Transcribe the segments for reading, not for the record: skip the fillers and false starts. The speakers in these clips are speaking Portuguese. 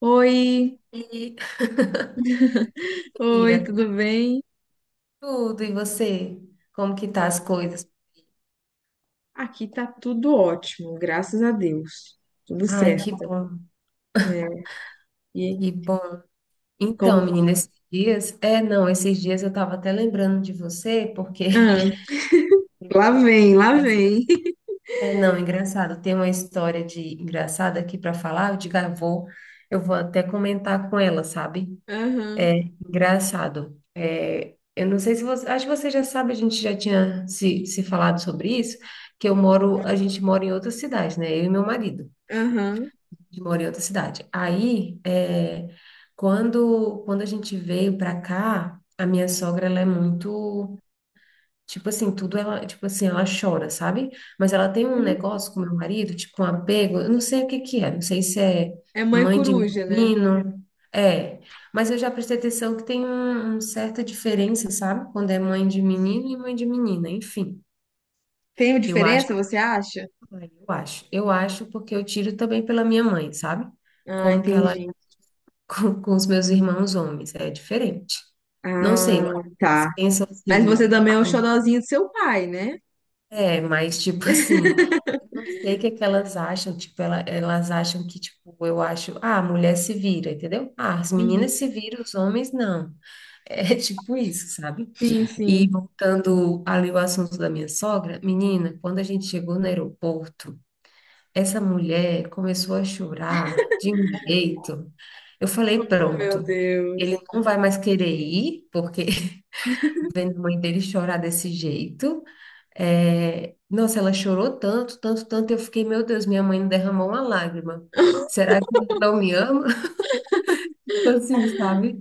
Oi, E amiga, oi, tudo bem? tudo, e você? Como que tá Ah, as coisas? aqui tá tudo ótimo, graças a Deus. Tudo Ai, que certo, bom, né? E que bom. Então, como... menina, esses dias, é, não, esses dias eu tava até lembrando de você, porque Ah, lá vem, lá vem. é, não, engraçado, tem uma história de engraçada aqui para falar, eu digo, ah, eu vou até comentar com ela, sabe? Aham, Engraçado. É, eu não sei se você, acho que você já sabe, a gente já tinha se falado sobre isso, que eu moro, a gente mora em outra cidade, né? Eu e meu marido. aham. De moro em outra cidade. Aí, é, quando a gente veio pra cá, a minha sogra, ela é muito, tipo assim, tudo ela, tipo assim, ela chora, sabe? Mas ela tem um negócio com meu marido, tipo um apego, eu não sei o que que é, não sei se é É mãe mãe de coruja, né? menino, é, mas eu já prestei atenção que tem um certa diferença, sabe? Quando é mãe de menino e mãe de menina, enfim. Tem Eu diferença, acho, você acha? eu acho, eu acho porque eu tiro também pela minha mãe, sabe? Ah, Como que ela entendi. Com os meus irmãos homens, é diferente. Não sei, eu acho Ah, que tá. elas pensam Mas assim, você também é o ah, xodozinho do seu pai, né? é, mas tipo assim, eu não sei o que é que elas acham, tipo, elas acham que, tipo, eu acho, ah, a mulher se vira, entendeu? Ah, as meninas Uhum. se viram, os homens não. É tipo isso, sabe? Sim, E sim. voltando ali ao assunto da minha sogra, menina, quando a gente chegou no aeroporto, essa mulher começou a chorar de um jeito. Eu falei, Meu pronto, ele Deus. não vai mais querer ir, porque vendo a mãe dele chorar desse jeito. É, nossa, ela chorou tanto, tanto, tanto. Eu fiquei, meu Deus, minha mãe não derramou uma lágrima. Será que ele não me ama? Tipo assim, sabe?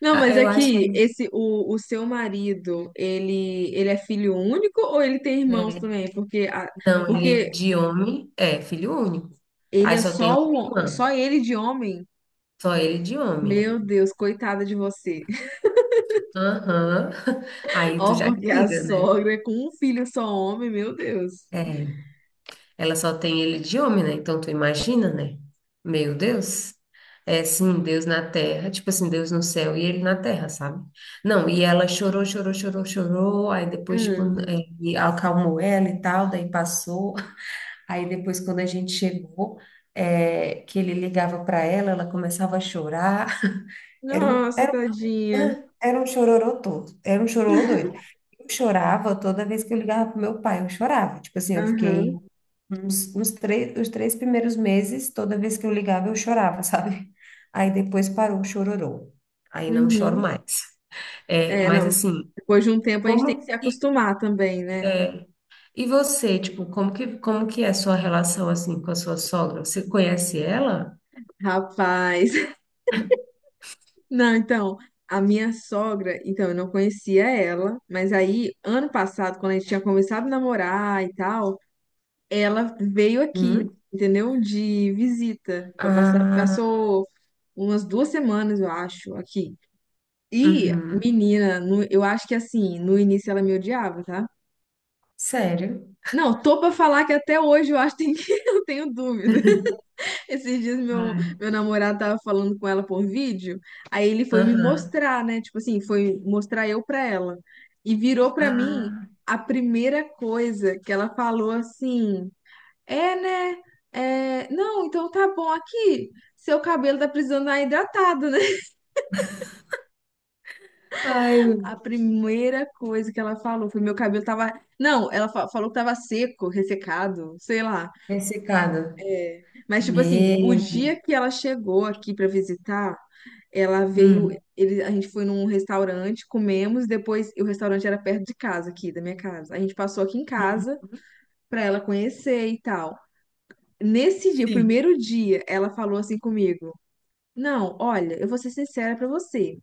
Não, Ah, mas é eu acho, que o seu marido, ele é filho único ou ele tem irmãos é, também? Porque, a- não, ele porque de homem é filho único. ele Aí é só tem uma só, só irmã, ele de homem? só ele de homem. Meu Deus, coitada de você. Aham. Aí tu Ó, já porque a tira, né? sogra é com um filho só homem, meu Deus. É. Ela só tem ele de homem, né? Então tu imagina, né? Meu Deus. É sim, Deus na terra, tipo assim, Deus no céu e ele na terra, sabe? Não, e ela chorou, chorou, chorou, chorou, aí depois, tipo, Hum. é, e acalmou ela e tal, daí passou. Aí depois, quando a gente chegou, é, que ele ligava para ela, ela começava a chorar. Era, um- Nossa, era, um- tadinha. era um chororô todo, era um chororô doido. Eu chorava toda vez que eu ligava pro meu pai, eu chorava. Tipo assim, eu fiquei Aham, uns três, os 3 primeiros meses, toda vez que eu ligava, eu chorava, sabe? Aí depois parou o chororô. Aí não choro uhum. mais. É, É, mas não. assim, Depois de um tempo a gente tem que como se que, acostumar também, né? e você, tipo, como que é a sua relação assim com a sua sogra? Você conhece ela? Rapaz. Não, então, a minha sogra, então, eu não conhecia ela, mas aí, ano passado, quando a gente tinha começado a namorar e tal, ela veio aqui, Hum? entendeu? De visita. Ah, Passou umas duas semanas, eu acho, aqui. E, uhum. menina, eu acho que assim, no início ela me odiava, tá? Sério? Não, tô pra falar que até hoje eu acho que eu tenho dúvida. Esses dias Ai, meu namorado tava falando com ela por vídeo, aí ele foi me aham. mostrar, né? Tipo assim, foi mostrar eu pra ela. E virou pra mim Ah, a primeira coisa que ela falou assim: É, né? É, não, então tá bom aqui. Seu cabelo tá precisando dar hidratado, né? ai, A primeira coisa que ela falou foi: Meu cabelo tava. Não, ela falou que tava seco, ressecado, sei lá. ressecada. Mas, tipo assim, o Meu. dia que ela chegou aqui pra visitar, ela veio. Hum. A gente foi num restaurante, comemos, depois. O restaurante era perto de casa, aqui, da minha casa. A gente passou aqui em casa pra ela conhecer e tal. Nesse dia, o Sim. primeiro dia, ela falou assim comigo: Não, olha, eu vou ser sincera pra você.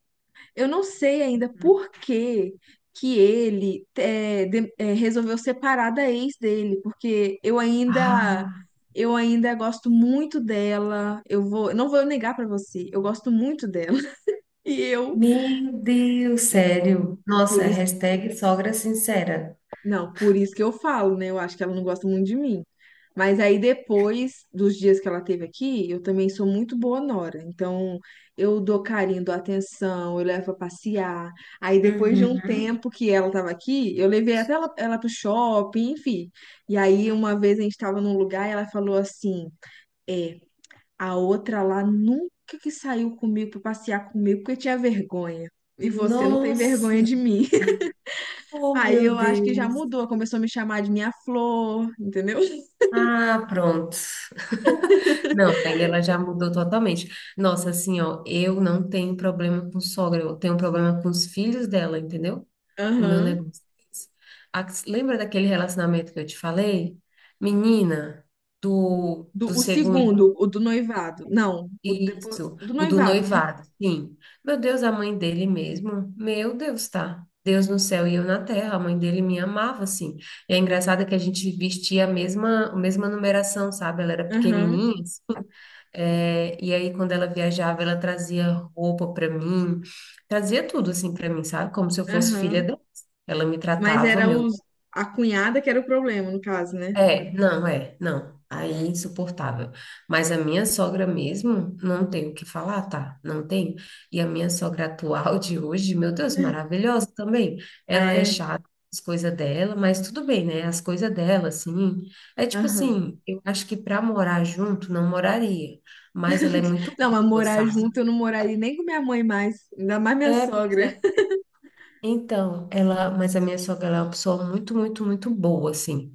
Eu não sei ainda por que ele é, resolveu separar da ex dele, porque eu ainda Ah. eu ainda gosto muito dela. Eu vou, não vou negar pra você, eu gosto muito dela. E eu, Meu Deus, é, sério. Nossa, por isso hashtag sogra sincera. Não, por isso que eu falo, né? Eu acho que ela não gosta muito de mim. Mas aí depois dos dias que ela teve aqui, eu também sou muito boa nora. Então, eu dou carinho, dou atenção, eu levo pra passear. Aí depois de um Uhum. tempo que ela tava aqui, eu levei até ela pro shopping, enfim. E aí uma vez a gente tava num lugar e ela falou assim: "É, a outra lá nunca que saiu comigo pra passear comigo porque tinha vergonha. E você não tem vergonha Nossa, de mim." oh Aí meu eu acho que já Deus. mudou, começou a me chamar de minha flor, entendeu? Ah, pronto. Não, aí ela já mudou totalmente. Nossa, assim, ó, eu não tenho problema com sogra, eu tenho problema com os filhos dela, entendeu? O meu Aham. negócio é esse. A- lembra daquele relacionamento que eu te falei? Menina, Do, do o segundo. segundo, o do noivado. Não, o depois, Isso, do o do noivado, né? noivado, sim. Meu Deus, a mãe dele mesmo. Meu Deus, tá? Deus no céu e eu na terra. A mãe dele me amava, assim. E é engraçado que a gente vestia a mesma numeração, sabe? Ela era Aham, pequenininha. É, e aí, quando ela viajava, ela trazia roupa pra mim, trazia tudo, assim, pra mim, sabe? Como se eu fosse filha aham. dela. Ela me Mas tratava, era meu, a cunhada que era o problema, no caso, né? é, não, é, não. Aí é insuportável. Mas a minha sogra mesmo, não tem o que falar, tá? Não tem. E a minha sogra atual de hoje, meu Deus, maravilhosa também. Ah, Ela é é? chata, as coisas dela, mas tudo bem, né? As coisas dela, assim. É tipo Aham. assim, eu acho que pra morar junto, não moraria. Mas ela é muito Não, mas boa, morar sabe? junto eu não moraria nem com minha mãe mais, ainda mais minha É, porque sogra. então, ela, mas a minha sogra, ela é uma pessoa muito, muito, muito boa, assim.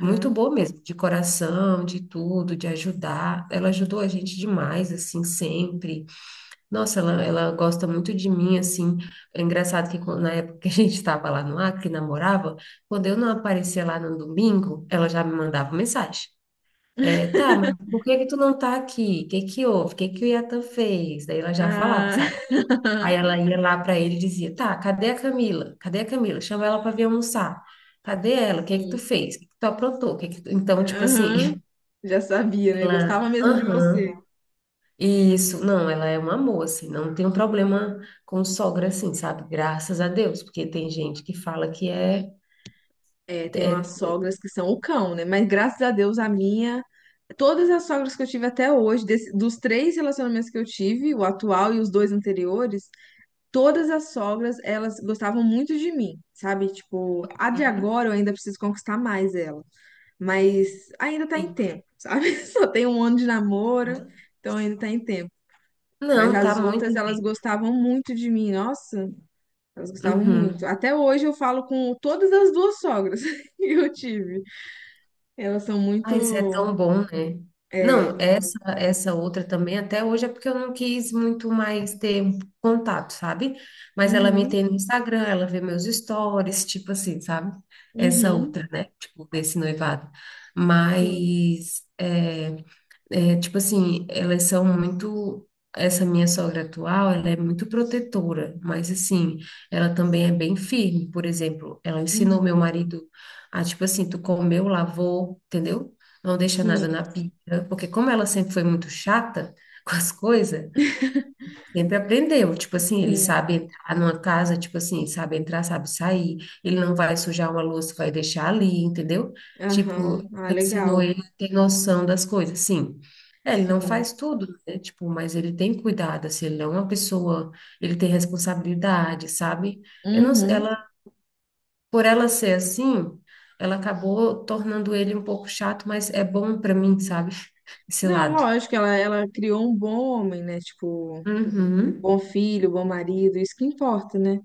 Muito boa mesmo, de coração, de tudo, de ajudar. Ela ajudou a gente demais, assim, sempre. Nossa, ela gosta muito de mim, assim. É engraçado que quando- na época que a gente estava lá no Acre, namorava, quando eu não aparecia lá no domingo, ela já me mandava mensagem. É, tá, mas por que que tu não tá aqui? O que que houve? O que que o Iatan fez? Daí ela já falava, Ah, sabe? Aí ela ia lá para ele e dizia: tá, cadê a Camila? Cadê a Camila? Chama ela para vir almoçar. Cadê ela? O que é que tu sim. fez? O que é que tu aprontou? O que é que tu-" Então, tipo assim, Aham. Já sabia, né? Gostava ela, mesmo de aham, você. isso, não, ela é um amor, assim, não tem um problema com sogra, assim, sabe? Graças a Deus, porque tem gente que fala que é. É, tem É- umas sogras é- que são o cão, né? Mas graças a Deus a minha, todas as sogras que eu tive até hoje, dos três relacionamentos que eu tive, o atual e os dois anteriores, todas as sogras, elas gostavam muito de mim, sabe? Tipo, a de uhum, agora eu ainda preciso conquistar mais ela, mas ainda tá em sim. tempo, sabe? Só tem um ano de namoro, Uhum. então ainda tá em tempo. Mas Não, tá as muito outras, elas bem. gostavam muito de mim, nossa, elas gostavam muito. Uhum. Até hoje eu falo com todas as duas sogras que eu tive. Elas são Ah, isso é muito. tão bom, né? É, Não, essa outra também até hoje é porque eu não quis muito mais ter um contato, sabe? Mas ela me uhum, tem no Instagram, ela vê meus stories, tipo assim, sabe? Essa uhum, outra, né? Tipo, desse noivado. sim, Mas é, é, tipo assim, elas são muito. Essa minha sogra atual, ela é muito protetora, mas assim, ela também é bem firme. Por exemplo, ela ensinou meu uhum, marido a, tipo assim, tu comeu, lavou, entendeu? Não deixa nada sim, na pia, porque como ela sempre foi muito chata com as coisas, sempre aprendeu, tipo assim, ele sim, sabe entrar numa casa, tipo assim, sabe entrar, sabe sair, ele não vai sujar uma louça, vai deixar ali, entendeu? Tipo, aham, ah, ensinou legal, ele a ter noção das coisas, sim. É, ele não sim, faz tudo, né? Tipo, mas ele tem cuidado, assim, ele não é uma pessoa, ele tem responsabilidade, sabe? Eu não, uhum. ela, por ela ser assim, ela acabou tornando ele um pouco chato, mas é bom pra mim, sabe? Esse Não, lado. lógico, ela criou um bom homem, né? Tipo, Uhum, bom filho, bom marido, isso que importa, né?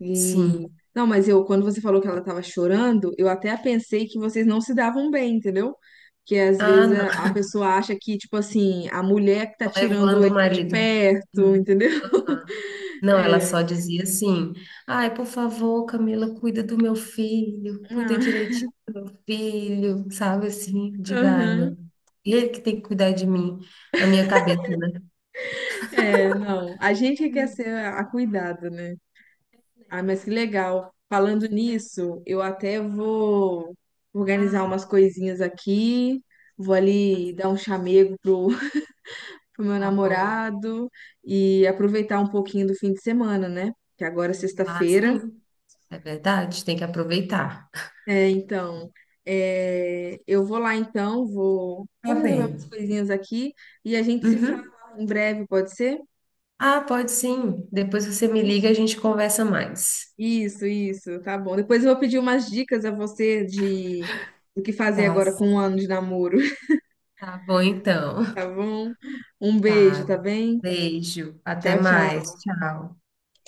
E. sim. Não, mas eu, quando você falou que ela tava chorando, eu até pensei que vocês não se davam bem, entendeu? Que às vezes Ah, a pessoa acha que, tipo assim, a mulher que tá tirando levando o ele de marido. perto, Hum. entendeu? Ah. Não, ela É. só dizia assim: ai, por favor, Camila, cuida do meu filho, cuida Ah, direitinho do meu filho, sabe assim? Diga, ai, aham. meu, ele que tem que cuidar de mim, na minha cabeça, né? É, não. A gente que quer Hum, ser a cuidada, né? Ah, mas que legal. Falando posso ver? nisso, eu até vou organizar Ah, umas coisinhas aqui, vou tá, ali dar um chamego pro, pro meu tá bom. namorado e aproveitar um pouquinho do fim de semana, né? Que agora é Ah, sexta-feira. sim, é verdade, tem que aproveitar. É, então, é, eu vou lá então, vou Tá resolver umas bem. coisinhas aqui e a gente se fala Uhum. em breve, pode ser? Ah, pode sim. Depois você me liga e a gente conversa mais. Isso, tá bom. Depois eu vou pedir umas dicas a você de do que fazer Tá agora com um certo. ano de namoro, Tá bom, então. tá bom? Um beijo, tá Tá. bem? Beijo. Até Tchau, tchau. mais. Tchau.